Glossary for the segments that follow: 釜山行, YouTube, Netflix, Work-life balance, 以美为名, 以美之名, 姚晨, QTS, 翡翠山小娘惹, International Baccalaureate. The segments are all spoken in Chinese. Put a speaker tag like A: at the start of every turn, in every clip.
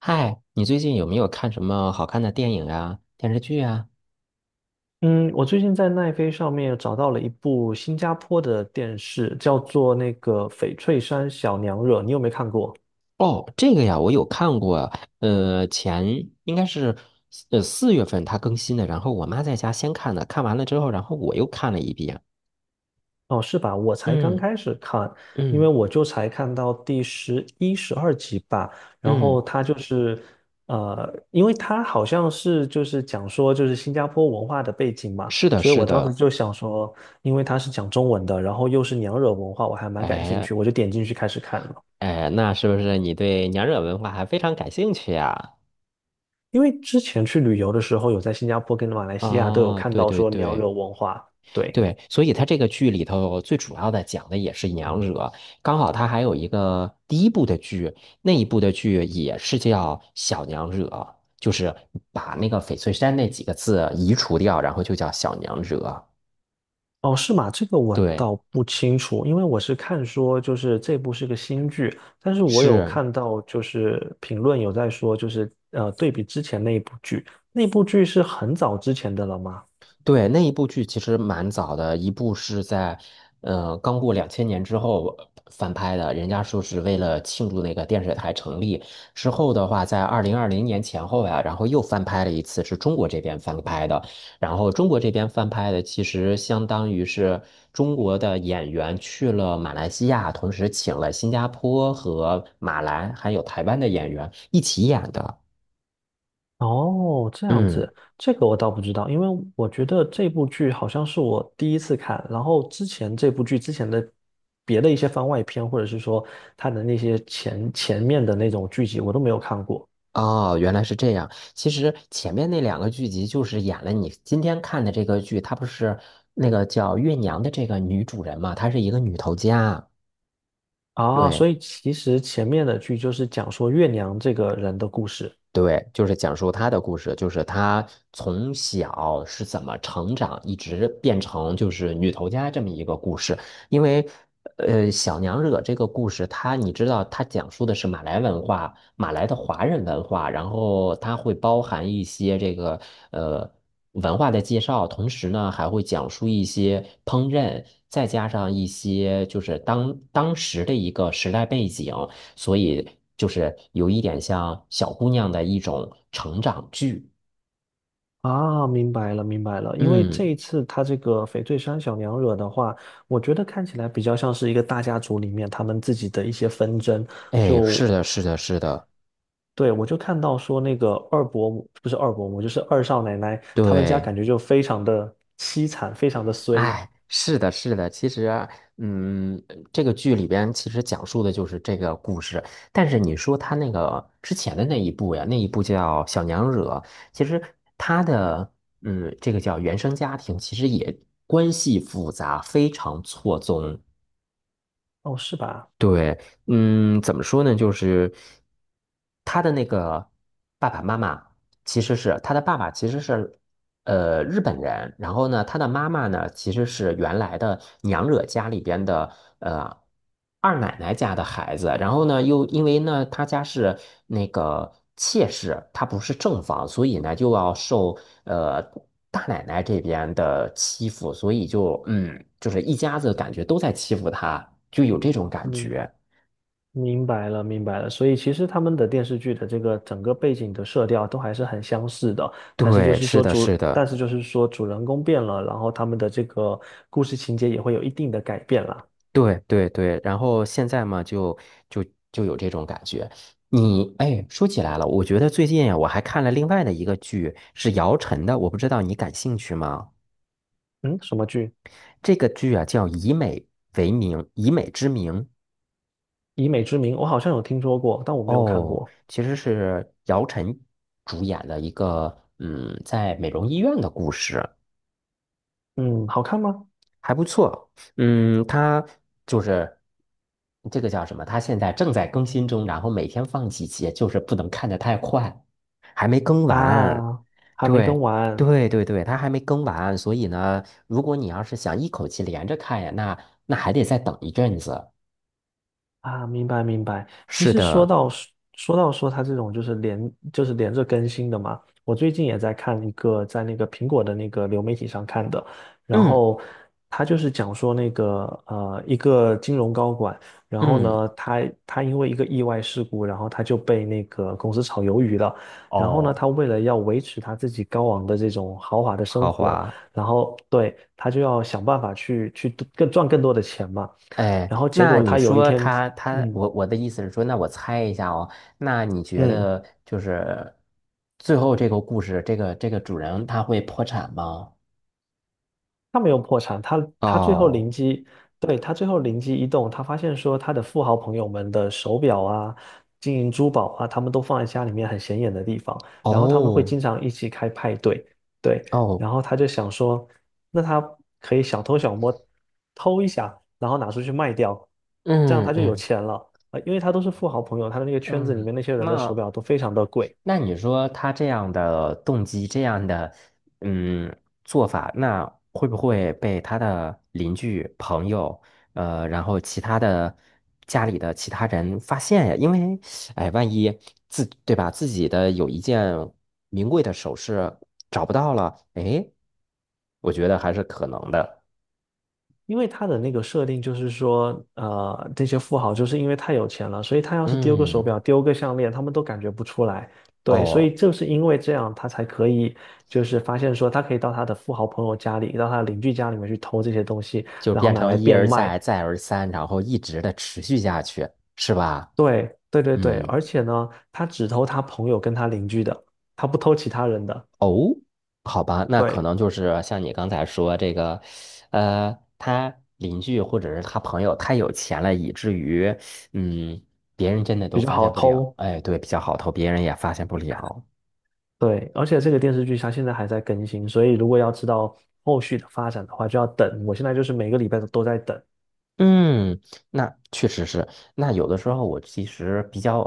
A: 嗨，你最近有没有看什么好看的电影啊、电视剧啊？
B: 嗯，我最近在奈飞上面找到了一部新加坡的电视，叫做那个《翡翠山小娘惹》，你有没看过？
A: 哦，这个呀，我有看过。前应该是四月份它更新的，然后我妈在家先看的，看完了之后，然后我又看了一遍。
B: 哦，是吧？我才刚
A: 嗯
B: 开始看，因为
A: 嗯
B: 我就才看到第11、12集吧。然后
A: 嗯，
B: 它就是，因为它好像是就是讲说就是新加坡文化的背景嘛，
A: 是的，
B: 所以
A: 是
B: 我当时
A: 的。
B: 就想说，因为它是讲中文的，然后又是娘惹文化，我还蛮感兴
A: 哎
B: 趣，我就点进去开始看了。
A: 哎，那是不是你对娘惹文化还非常感兴趣呀？
B: 因为之前去旅游的时候，有在新加坡跟马来西亚都有
A: 哦，
B: 看
A: 对
B: 到
A: 对
B: 说娘
A: 对。
B: 惹文化，对，
A: 对，所以他这个剧里头最主要的讲的也是娘惹，刚好他还有一个第一部的剧，那一部的剧也是叫小娘惹，就是把那个翡翠山那几个字移除掉，然后就叫小娘惹。
B: 哦，是吗？这个我
A: 对，
B: 倒不清楚，因为我是看说就是这部是个新剧，但是我有
A: 是
B: 看到就是评论有在说就是对比之前那一部剧，那部剧是很早之前的了吗？
A: 对，那一部剧其实蛮早的，一部是在，刚过2000年之后翻拍的，人家说是为了庆祝那个电视台成立之后的话，在2020年前后呀，然后又翻拍了一次，是中国这边翻拍的，然后中国这边翻拍的其实相当于是中国的演员去了马来西亚，同时请了新加坡和马来还有台湾的演员一起演的，
B: 哦，这样
A: 嗯。
B: 子，这个我倒不知道，因为我觉得这部剧好像是我第一次看，然后之前这部剧之前的别的一些番外篇，或者是说它的那些前面的那种剧集，我都没有看过
A: 哦，原来是这样。其实前面那两个剧集就是演了你今天看的这个剧，它不是那个叫月娘的这个女主人嘛，她是一个女头家。
B: 啊，
A: 对，
B: 所以其实前面的剧就是讲说月娘这个人的故事
A: 对，就是讲述她的故事，就是她从小是怎么成长，一直变成就是女头家这么一个故事。因为，小娘惹这个故事，它你知道，它讲述的是马来文化，马来的华人文化，然后它会包含一些这个呃文化的介绍，同时呢还会讲述一些烹饪，再加上一些就是当时的一个时代背景。所以就是有一点像小姑娘的一种成长剧。
B: 啊，明白了，明白了，因为这
A: 嗯，
B: 一次他这个翡翠山小娘惹的话，我觉得看起来比较像是一个大家族里面他们自己的一些纷争。
A: 哎，是
B: 就
A: 的，是的，是的，
B: 对，我就看到说那个二伯母，不是二伯母，就是二少奶奶，他们家
A: 对，
B: 感觉就非常的凄惨，非常的衰。
A: 哎，是的，是的。其实啊嗯，这个剧里边其实讲述的就是这个故事。但是你说他那个之前的那一部呀，那一部叫《小娘惹》，其实他的嗯，这个叫原生家庭，其实也关系复杂，非常错综。
B: 哦，是吧？
A: 对，嗯，怎么说呢？就是他的那个爸爸妈妈，其实是他的爸爸，其实是日本人，然后呢，他的妈妈呢，其实是原来的娘惹家里边的呃二奶奶家的孩子，然后呢，又因为呢，他家是那个妾室，他不是正房，所以呢，就要受呃大奶奶这边的欺负，所以就嗯，就是一家子感觉都在欺负他，就有这种感
B: 嗯，
A: 觉。
B: 明白了，明白了。所以其实他们的电视剧的这个整个背景的色调都还是很相似的，但是就
A: 对，
B: 是
A: 是
B: 说
A: 的，是
B: 主，但
A: 的。
B: 是就是说主人公变了，然后他们的这个故事情节也会有一定的改变啦。
A: 对对对，然后现在嘛，就就有这种感觉。你哎，说起来了，我觉得最近呀，我还看了另外的一个剧，是姚晨的，我不知道你感兴趣吗？
B: 嗯，什么剧？
A: 这个剧啊叫《以美为名》，以美之名。
B: 以美之名，我好像有听说过，但我没有看
A: 哦，
B: 过。
A: 其实是姚晨主演的一个，嗯，在美容医院的故事，
B: 嗯，好看吗？
A: 还不错。嗯，它就是这个叫什么？它现在正在更新中，然后每天放几集，就是不能看得太快。
B: 啊，还没更
A: 对
B: 完。
A: 对，它还没更完，所以呢，如果你要是想一口气连着看呀，那还得再等一阵子。
B: 啊，明白明白。其
A: 是
B: 实说
A: 的，
B: 到说到说它这种就是连着更新的嘛，我最近也在看一个在那个苹果的那个流媒体上看的，然
A: 嗯
B: 后他就是讲说那个一个金融高管，然后
A: 嗯，
B: 呢他因为一个意外事故，然后他就被那个公司炒鱿鱼了，然后呢
A: 哦，
B: 他为了要维持他自己高昂的这种豪华的生
A: 豪
B: 活，
A: 华，
B: 然后对他就要想办法去更赚更多的钱嘛。
A: 哎，
B: 然后结
A: 那
B: 果
A: 你
B: 他有一
A: 说
B: 天，
A: 他，
B: 嗯
A: 我的意思是说，那我猜一下哦，那你觉
B: 嗯，
A: 得就是最后这个故事，这个主人他会破产吗？
B: 他没有破产，他最后
A: 哦
B: 灵机，对，他最后灵机一动，他发现说他的富豪朋友们的手表啊、金银珠宝啊，他们都放在家里面很显眼的地方，然后他们会
A: 哦
B: 经常一起开派对，对，
A: 哦，
B: 然后他就想说，那他可以小偷小摸偷一下，然后拿出去卖掉，这样
A: 嗯
B: 他就有
A: 嗯
B: 钱了。啊，因为他都是富豪朋友，他的那个圈子里
A: 嗯，
B: 面那些人的手
A: 那。
B: 表都非常的贵，
A: 那你说他这样的动机，这样的嗯做法，那会不会被他的邻居、朋友，然后其他的家里的其他人发现呀？因为，哎，万一自，对吧，自己的有一件名贵的首饰找不到了，哎，我觉得还是可能的。
B: 因为他的那个设定就是说，这些富豪就是因为太有钱了，所以他要是丢个手
A: 嗯，
B: 表、丢个项链，他们都感觉不出来。对，所
A: 哦，
B: 以就是因为这样，他才可以就是发现说，他可以到他的富豪朋友家里，到他的邻居家里面去偷这些东西，
A: 就
B: 然后
A: 变
B: 拿
A: 成
B: 来
A: 一
B: 变
A: 而
B: 卖。
A: 再，再而三，然后一直的持续下去，是吧？
B: 对，对对对，
A: 嗯。
B: 而且呢，他只偷他朋友跟他邻居的，他不偷其他人的，
A: 哦，好吧，那可
B: 对，
A: 能就是像你刚才说这个，他邻居或者是他朋友太有钱了，以至于，嗯，别人真的都
B: 比较
A: 发
B: 好
A: 现不了。
B: 偷。
A: 哎，对，比较好偷，别人也发现不了。
B: 对，而且这个电视剧它现在还在更新，所以如果要知道后续的发展的话，就要等。我现在就是每个礼拜都在等，
A: 嗯，那确实是。那有的时候我其实比较，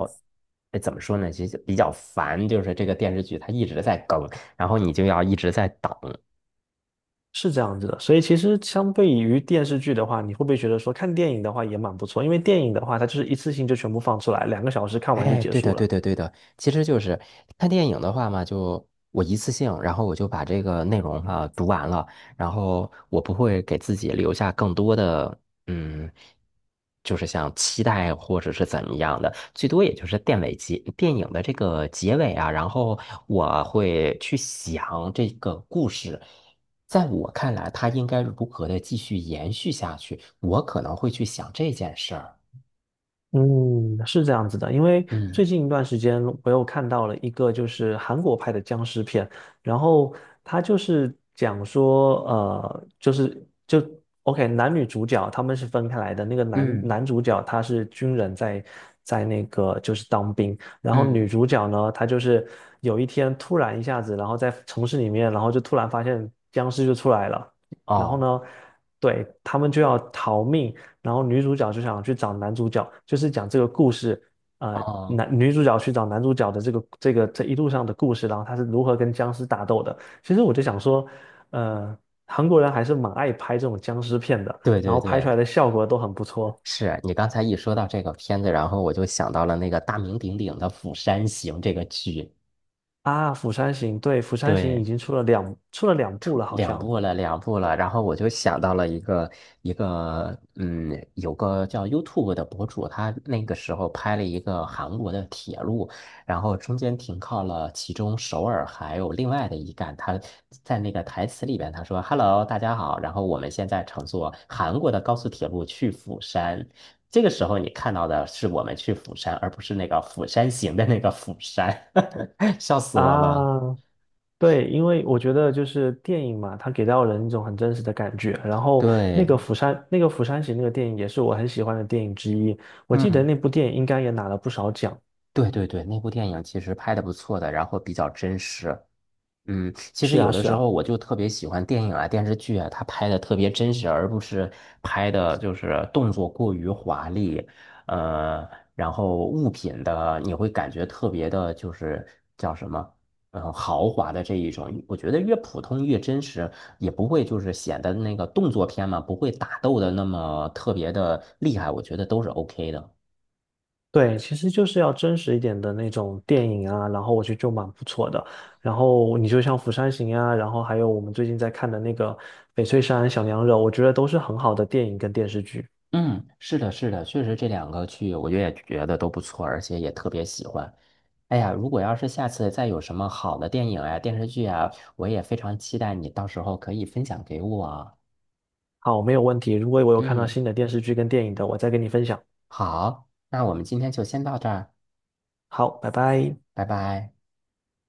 A: 哎，怎么说呢？其实比较烦，就是这个电视剧它一直在更，然后你就要一直在等。
B: 是这样子的。所以其实相对于电视剧的话，你会不会觉得说看电影的话也蛮不错？因为电影的话，它就是一次性就全部放出来，2个小时看完就
A: 哎，
B: 结
A: 对的，
B: 束
A: 对
B: 了。
A: 的，对的，其实就是看电影的话嘛，就我一次性，然后我就把这个内容哈、读完了，然后我不会给自己留下更多的，嗯，就是像期待或者是怎么样的，最多也就是电尾结电影的这个结尾啊，然后我会去想这个故事，在我看来，它应该如何的继续延续下去，我可能会去想这件事儿。
B: 嗯，是这样子的，因为最
A: 嗯
B: 近一段时间我又看到了一个就是韩国拍的僵尸片，然后他就是讲说，呃，就是就 OK，男女主角他们是分开来的，那个男
A: 嗯
B: 男主角他是军人在那个就是当兵，然后女
A: 嗯，
B: 主角呢，她就是有一天突然一下子，然后在城市里面，然后就突然发现僵尸就出来了，然后
A: 哦。
B: 呢，对，他们就要逃命。然后女主角就想去找男主角，就是讲这个故事，
A: 哦，
B: 男女主角去找男主角的这个这一路上的故事，然后他是如何跟僵尸打斗的。其实我就想说，呃，韩国人还是蛮爱拍这种僵尸片的，
A: 对
B: 然
A: 对
B: 后拍出
A: 对，
B: 来的效果都很不错
A: 是你刚才一说到这个片子，然后我就想到了那个大名鼎鼎的《釜山行》这个剧。
B: 啊。《釜山行》对，《釜山行》已
A: 对，
B: 经出了两部
A: 突
B: 了，好
A: 两
B: 像
A: 步了，两步了，然后我就想到了一个，嗯，有个叫 YouTube 的博主，他那个时候拍了一个韩国的铁路，然后中间停靠了其中首尔还有另外的一站，他在那个台词里边他说：“Hello，大家好，然后我们现在乘坐韩国的高速铁路去釜山。”这个时候你看到的是我们去釜山，而不是那个《釜山行》的那个釜山，笑死我了。
B: 啊，对，因为我觉得就是电影嘛，它给到人一种很真实的感觉。然后那个
A: 对。
B: 釜山，那个釜山行那个电影也是我很喜欢的电影之一。我记得
A: 嗯。
B: 那部电影应该也拿了不少奖。
A: 对对对，那部电影其实拍的不错的，然后比较真实。嗯，其实
B: 是
A: 有
B: 啊，
A: 的
B: 是
A: 时
B: 啊，
A: 候我就特别喜欢电影啊、电视剧啊，它拍的特别真实，而不是拍的就是动作过于华丽，呃，然后物品的你会感觉特别的，就是叫什么，嗯、豪华的这一种。我觉得越普通越真实，也不会就是显得那个动作片嘛，不会打斗的那么特别的厉害，我觉得都是 OK 的。
B: 对，其实就是要真实一点的那种电影啊，然后我觉得就蛮不错的。然后你就像《釜山行》啊，然后还有我们最近在看的那个《翡翠山小娘惹》，我觉得都是很好的电影跟电视剧。
A: 嗯，是的，是的，确实这两个剧，我也觉得都不错，而且也特别喜欢。哎呀，如果要是下次再有什么好的电影啊、电视剧啊，我也非常期待你到时候可以分享给我。
B: 好，没有问题。如果我有看到
A: 嗯，
B: 新的电视剧跟电影的，我再跟你分享。
A: 好，那我们今天就先到这儿，
B: 好，拜拜。
A: 拜拜。